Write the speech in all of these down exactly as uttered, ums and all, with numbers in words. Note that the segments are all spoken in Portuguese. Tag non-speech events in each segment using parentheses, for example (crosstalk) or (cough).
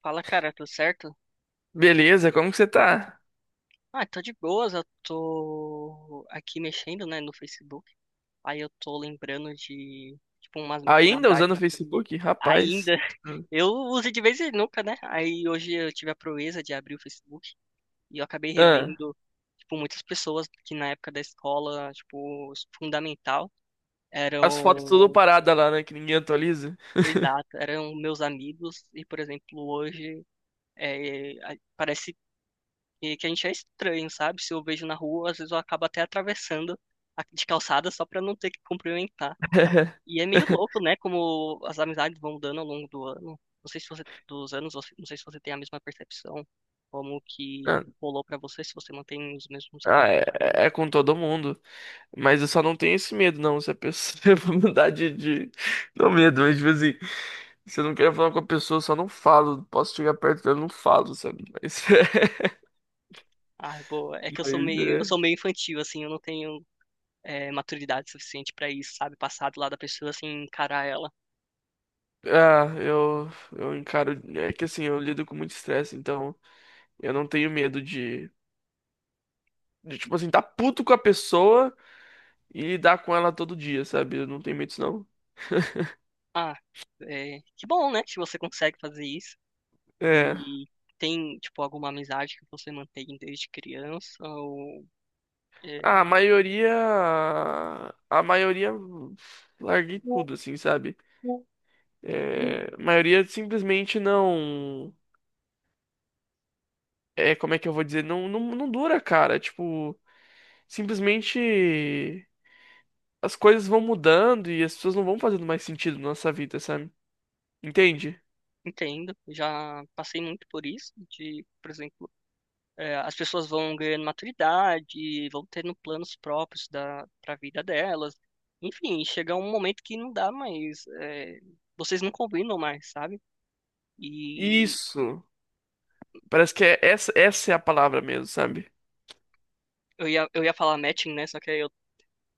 Fala, cara, tudo certo? Beleza, como que você tá? Ah, tô de boas, eu tô aqui mexendo, né, no Facebook. Aí eu tô lembrando de, tipo, umas Ainda amizades usando o Facebook? Rapaz. ainda. (laughs) Hum. Eu uso de vez em nunca, né? Aí hoje eu tive a proeza de abrir o Facebook e eu acabei Ah, revendo, tipo, muitas pessoas que na época da escola, tipo, fundamental, as fotos tudo eram, parada lá, né? Que ninguém atualiza. exato, eram meus amigos. E, por exemplo, hoje é, a- parece e que a gente é estranho, sabe? Se eu vejo na rua, às vezes eu acabo até atravessando a- de calçada só pra não ter que cumprimentar. (laughs) E é meio louco, né? Como as amizades vão mudando ao longo do ano. Não sei se você, dos anos, você- não sei se você tem a mesma percepção, como Ah, que rolou pra você, se você mantém os mesmos ah, amigos, é, né? é com todo mundo. Mas eu só não tenho esse medo, não. Se a pessoa (laughs) eu mudar de, de. Não medo, mas tipo assim, se eu não quero falar com a pessoa, eu só não falo. Posso chegar perto dela, eu não falo, sabe? Mas, (laughs) Ah, boa. É que eu sou mas meio, eu é. sou meio infantil, assim, eu não tenho, é, maturidade suficiente pra isso, sabe? Passar do lado da pessoa, assim, encarar ela. Ah, eu, eu encaro. É que assim, eu lido com muito estresse, então eu não tenho medo de. De, tipo assim, tá puto com a pessoa e lidar com ela todo dia, sabe? Eu não tenho medo disso, não. Ah, é, que bom, né? Que você consegue fazer isso. É. E tem, tipo, alguma amizade que você mantém desde criança ou é, A maioria. A maioria. Larguei tudo, assim, sabe? É, a maioria simplesmente não. É, como é que eu vou dizer? Não, não, não dura, cara. Tipo, simplesmente as coisas vão mudando e as pessoas não vão fazendo mais sentido na nossa vida, sabe? Entende? entendo, já passei muito por isso, de, por exemplo, é, as pessoas vão ganhando maturidade, vão tendo planos próprios da para a vida delas. Enfim, chega um momento que não dá mais, é, vocês não combinam mais, sabe? E Isso. Parece que é essa, essa é a palavra mesmo, sabe? eu ia, eu ia falar matching, né? Só que aí eu,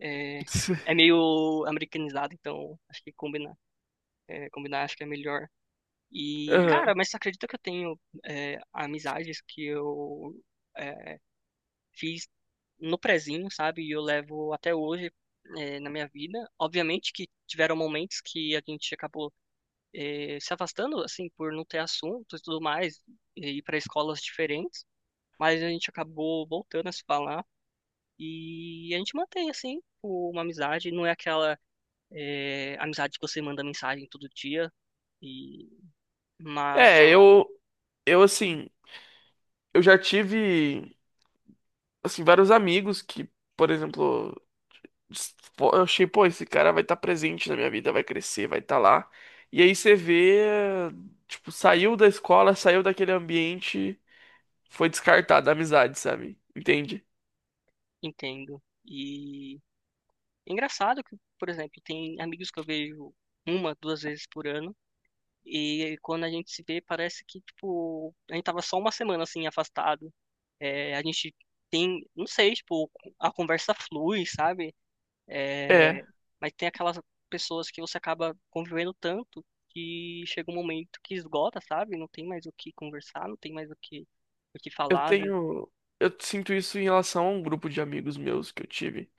é, é (laughs) meio americanizado, então acho que combinar, é, combinar acho que é melhor. E, Aham. cara, mas você acredita que eu tenho, é, amizades que eu é, fiz no prezinho, sabe? E eu levo até hoje, é, na minha vida. Obviamente que tiveram momentos que a gente acabou, é, se afastando, assim, por não ter assunto e tudo mais, e ir para escolas diferentes. Mas a gente acabou voltando a se falar e a gente mantém, assim, uma amizade. Não é aquela, é, amizade que você manda mensagem todo dia, e... mas, É, tipo, eu, eu assim, eu já tive, assim, vários amigos que, por exemplo, s- pô, eu achei, pô, esse cara vai estar presente na minha vida, vai crescer, vai estar lá. E aí você vê, tipo, saiu da escola, saiu daquele ambiente, foi descartado a amizade, sabe? Entende? entendo. E engraçado que, por exemplo, tem amigos que eu vejo uma, duas vezes por ano, e quando a gente se vê, parece que, tipo, a gente tava só uma semana, assim, afastado. É, a gente tem, não sei, tipo, a conversa flui, sabe? É, É, mas tem aquelas pessoas que você acaba convivendo tanto que chega um momento que esgota, sabe? Não tem mais o que conversar, não tem mais o que, o que eu falar. Às vezes, tenho, eu sinto isso em relação a um grupo de amigos meus que eu tive.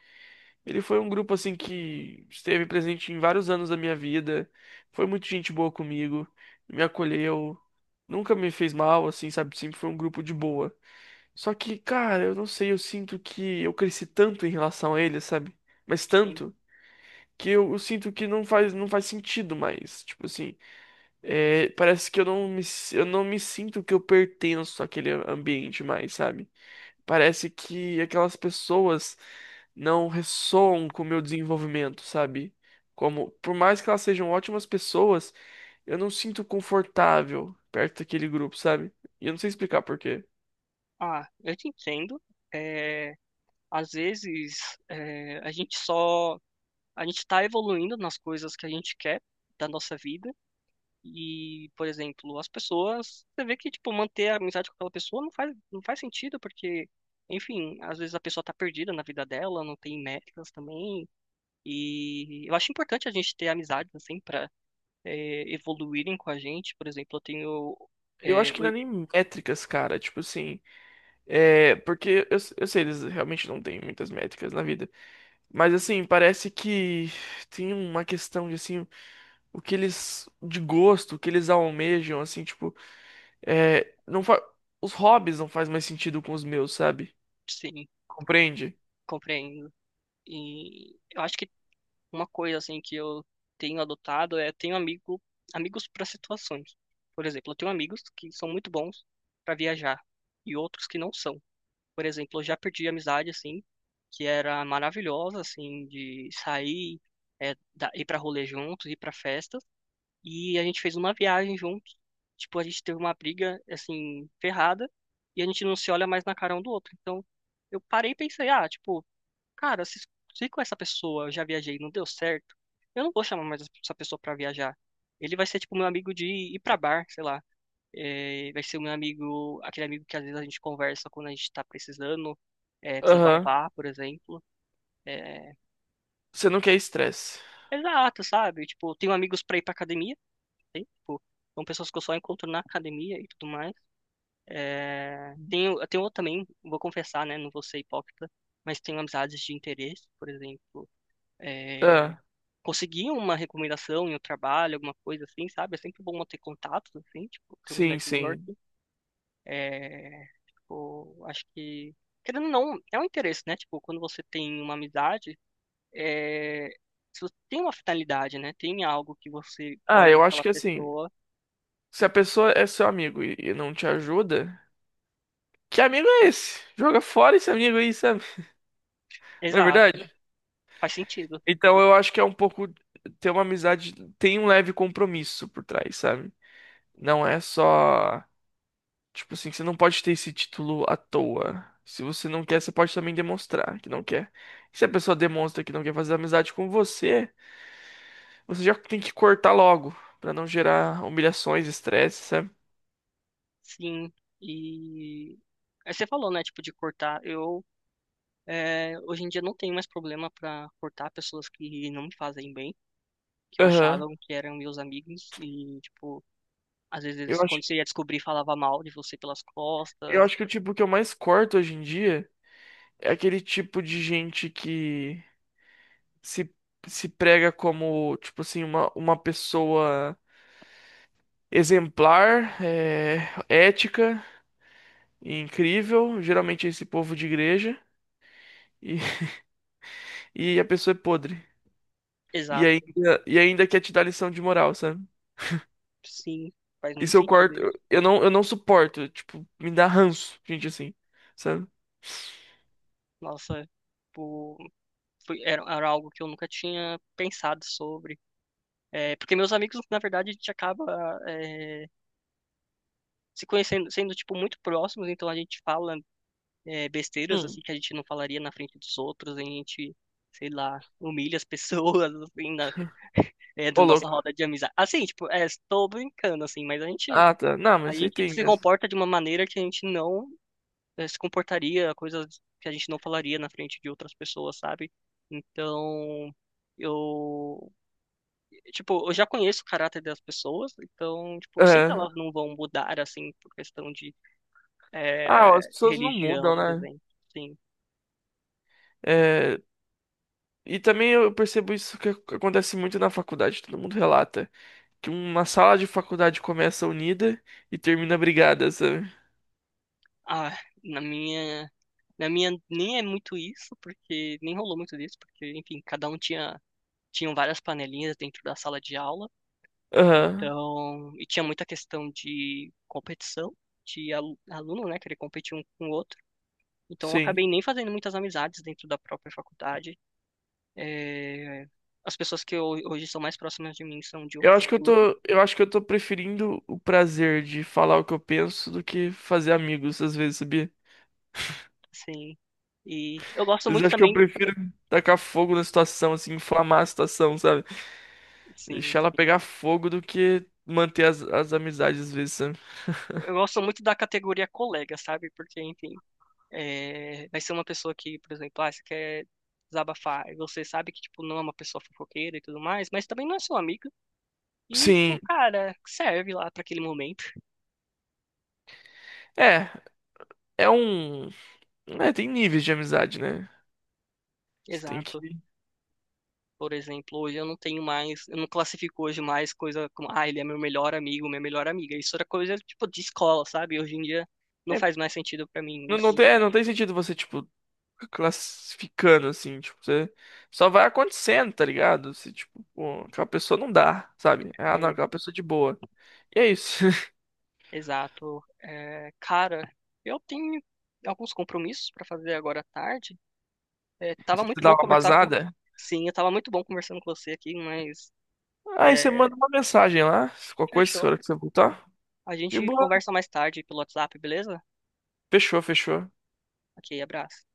Ele foi um grupo assim que esteve presente em vários anos da minha vida. Foi muito gente boa comigo, me acolheu, nunca me fez mal, assim, sabe? Sempre foi um grupo de boa. Só que, cara, eu não sei, eu sinto que eu cresci tanto em relação a ele, sabe? Mas assim, tanto que eu, eu sinto que não faz, não faz sentido mais. Tipo assim, é, parece que eu não me, s- eu não me sinto que eu pertenço àquele ambiente mais, sabe? Parece que aquelas pessoas não ressoam com o meu desenvolvimento, sabe? Como, por mais que elas sejam ótimas pessoas, eu não sinto confortável perto daquele grupo, sabe? E eu não sei explicar por quê. ah, eu te entendo. É, às vezes, é, a gente só a gente está evoluindo nas coisas que a gente quer da nossa vida. E, por exemplo, as pessoas, você vê que, tipo, manter a amizade com aquela pessoa não faz, não faz sentido, porque, enfim, às vezes a pessoa tá perdida na vida dela, não tem metas também. E eu acho importante a gente ter amizades, assim, pra eh, evoluírem com a gente. Por exemplo, eu tenho. Eu Eh, acho que não é oi- nem métricas, cara. Tipo assim, é. Porque eu, eu sei, eles realmente não têm muitas métricas na vida. Mas assim, parece que tem uma questão de assim, o que eles. De gosto, o que eles almejam, assim, tipo. É, não fa... Os hobbies não fazem mais sentido com os meus, sabe? sim, Compreende? compreendo. E eu acho que uma coisa assim que eu tenho adotado é tenho amigo, amigos para situações. Por exemplo, eu tenho amigos que são muito bons para viajar e outros que não são. Por exemplo, eu já perdi amizade assim, que era maravilhosa assim de sair, é, da- ir para rolê juntos, ir para festas e a gente fez uma viagem juntos. Tipo, a gente teve uma briga assim ferrada e a gente não se olha mais na cara um do outro. Então, eu parei e pensei, ah, tipo, cara, se, se com essa pessoa eu já viajei e não deu certo, eu não vou chamar mais essa pessoa pra viajar. Ele vai ser tipo meu amigo de ir pra bar, sei lá. É, vai ser o meu amigo, aquele amigo que às vezes a gente conversa quando a gente tá precisando, é, Aham. desabafar, por exemplo. É, Você não quer estresse. exato, sabe? Tipo, eu tenho amigos pra ir pra academia, tem, tipo, são pessoas que eu só encontro na academia e tudo mais. É, tenho, eu tenho também, vou confessar, né? Não vou ser hipócrita, mas tenho amizades de interesse, por exemplo. É, Ah, conseguir uma recomendação em um trabalho, alguma coisa assim, sabe? É sempre bom ter contatos, assim, tipo, ter um sim, sim. networking. É, tipo, acho que, querendo ou não, é um interesse, né? Tipo, quando você tem uma amizade, é, se você tem uma finalidade, né? Tem algo que você Ah, olha eu acho daquela que assim, pessoa. se a pessoa é seu amigo e e não te ajuda, que amigo é esse? Joga fora esse amigo aí, sabe? Não é Exato, verdade? faz sentido. Então eu acho que é um pouco ter uma amizade, tem um leve compromisso por trás, sabe? Não é só. Tipo assim, você não pode ter esse título à toa. Se você não quer, você pode também demonstrar que não quer. Se a pessoa demonstra que não quer fazer amizade com você, você já tem que cortar logo, pra não gerar humilhações, estresse, sabe? Sim. E aí você falou, né? Tipo, de cortar. Eu, é, hoje em dia, não tenho mais problema para cortar pessoas que não me fazem bem. Que eu Aham. achavam que eram meus amigos e, tipo, às vezes eles, Eu acho, quando você ia descobrir, falava mal de você pelas eu costas. acho que o tipo que eu mais corto hoje em dia é aquele tipo de gente que se, se prega como, tipo assim, uma, uma pessoa exemplar, é, ética e incrível. Geralmente é esse povo de igreja. E e a pessoa é podre. E Exato. Ainda, e ainda quer te dar lição de moral, sabe? Sim, faz muito Isso eu sentido quarto. Eu isso. eu não, eu não suporto. Tipo, me dá ranço, gente assim, sabe? Nossa, tipo, foi, era, era algo que eu nunca tinha pensado sobre. É, porque meus amigos, na verdade, a gente acaba, é, se conhecendo, sendo, tipo, muito próximos, então a gente fala, é, besteiras assim Hum. que a gente não falaria na frente dos outros, a gente, sei lá, humilha as (laughs) pessoas assim na, (laughs) é, da Ô, nossa louco. roda de amizade. Assim, tipo, é, estou brincando assim, mas a gente Ah, tá. Não, a mas isso aí gente tem se mesmo. comporta de uma maneira que a gente não é, se comportaria, coisas que a gente não falaria na frente de outras pessoas, sabe? Então, eu, tipo, eu já conheço o caráter das pessoas, então, tipo, eu sei que É. elas não vão mudar assim por questão de, Ah, ó, é, as pessoas não religião, mudam, por né? exemplo. Sim. É, e também eu percebo isso que ac- acontece muito na faculdade, todo mundo relata. Que uma sala de faculdade começa unida e termina brigada, sabe? Ah, na minha, na minha nem é muito isso, porque nem rolou muito disso, porque enfim, cada um tinha tinham várias panelinhas dentro da sala de aula, Aham, então, e tinha muita questão de competição, de alu- aluno, né, querer competir um com o outro. Então, eu sim. acabei nem fazendo muitas amizades dentro da própria faculdade. É, as pessoas que ho- hoje são mais próximas de mim são de Eu acho outros que eu cursos, tô, eu acho que eu tô preferindo o prazer de falar o que eu penso do que fazer amigos às vezes, sabia? assim. E eu gosto Às vezes eu muito acho que eu também, prefiro tacar fogo na situação, assim, inflamar a situação, sabe? Deixar sim, ela pegar fogo do que manter as, as amizades às vezes, sabe? eu gosto muito da categoria colega, sabe? Porque, enfim, é, vai ser uma pessoa que, por exemplo, ah, você quer desabafar, e você sabe que, tipo, não é uma pessoa fofoqueira e tudo mais, mas também não é seu amigo, e, tipo, Sim, cara, serve lá para aquele momento. (laughs) é, é um, é, tem níveis de amizade, né? Você tem Exato. que, Por exemplo, hoje eu não tenho mais, eu não classifico hoje mais coisa como, ah, ele é meu melhor amigo, minha melhor amiga. Isso era coisa, tipo, de escola, sabe? Hoje em dia não é, faz mais sentido para mim não, não isso. tem, é, não tem sentido você, tipo, classificando, assim, tipo, você só vai acontecendo, tá ligado? Se, tipo, pô, aquela pessoa não dá, sabe? Ah, não, É, aquela pessoa é de boa. E é isso. (laughs) exato. É, cara, eu tenho alguns compromissos para fazer agora à tarde. É, tava Você precisa muito dar bom uma conversar com. vazada? Sim, eu tava muito bom conversando com você aqui, mas. Aí você É, manda uma mensagem lá, qualquer coisa, na fechou. hora que você voltar. A De gente boa. conversa mais tarde pelo WhatsApp, beleza? Fechou, fechou. Ok, abraço.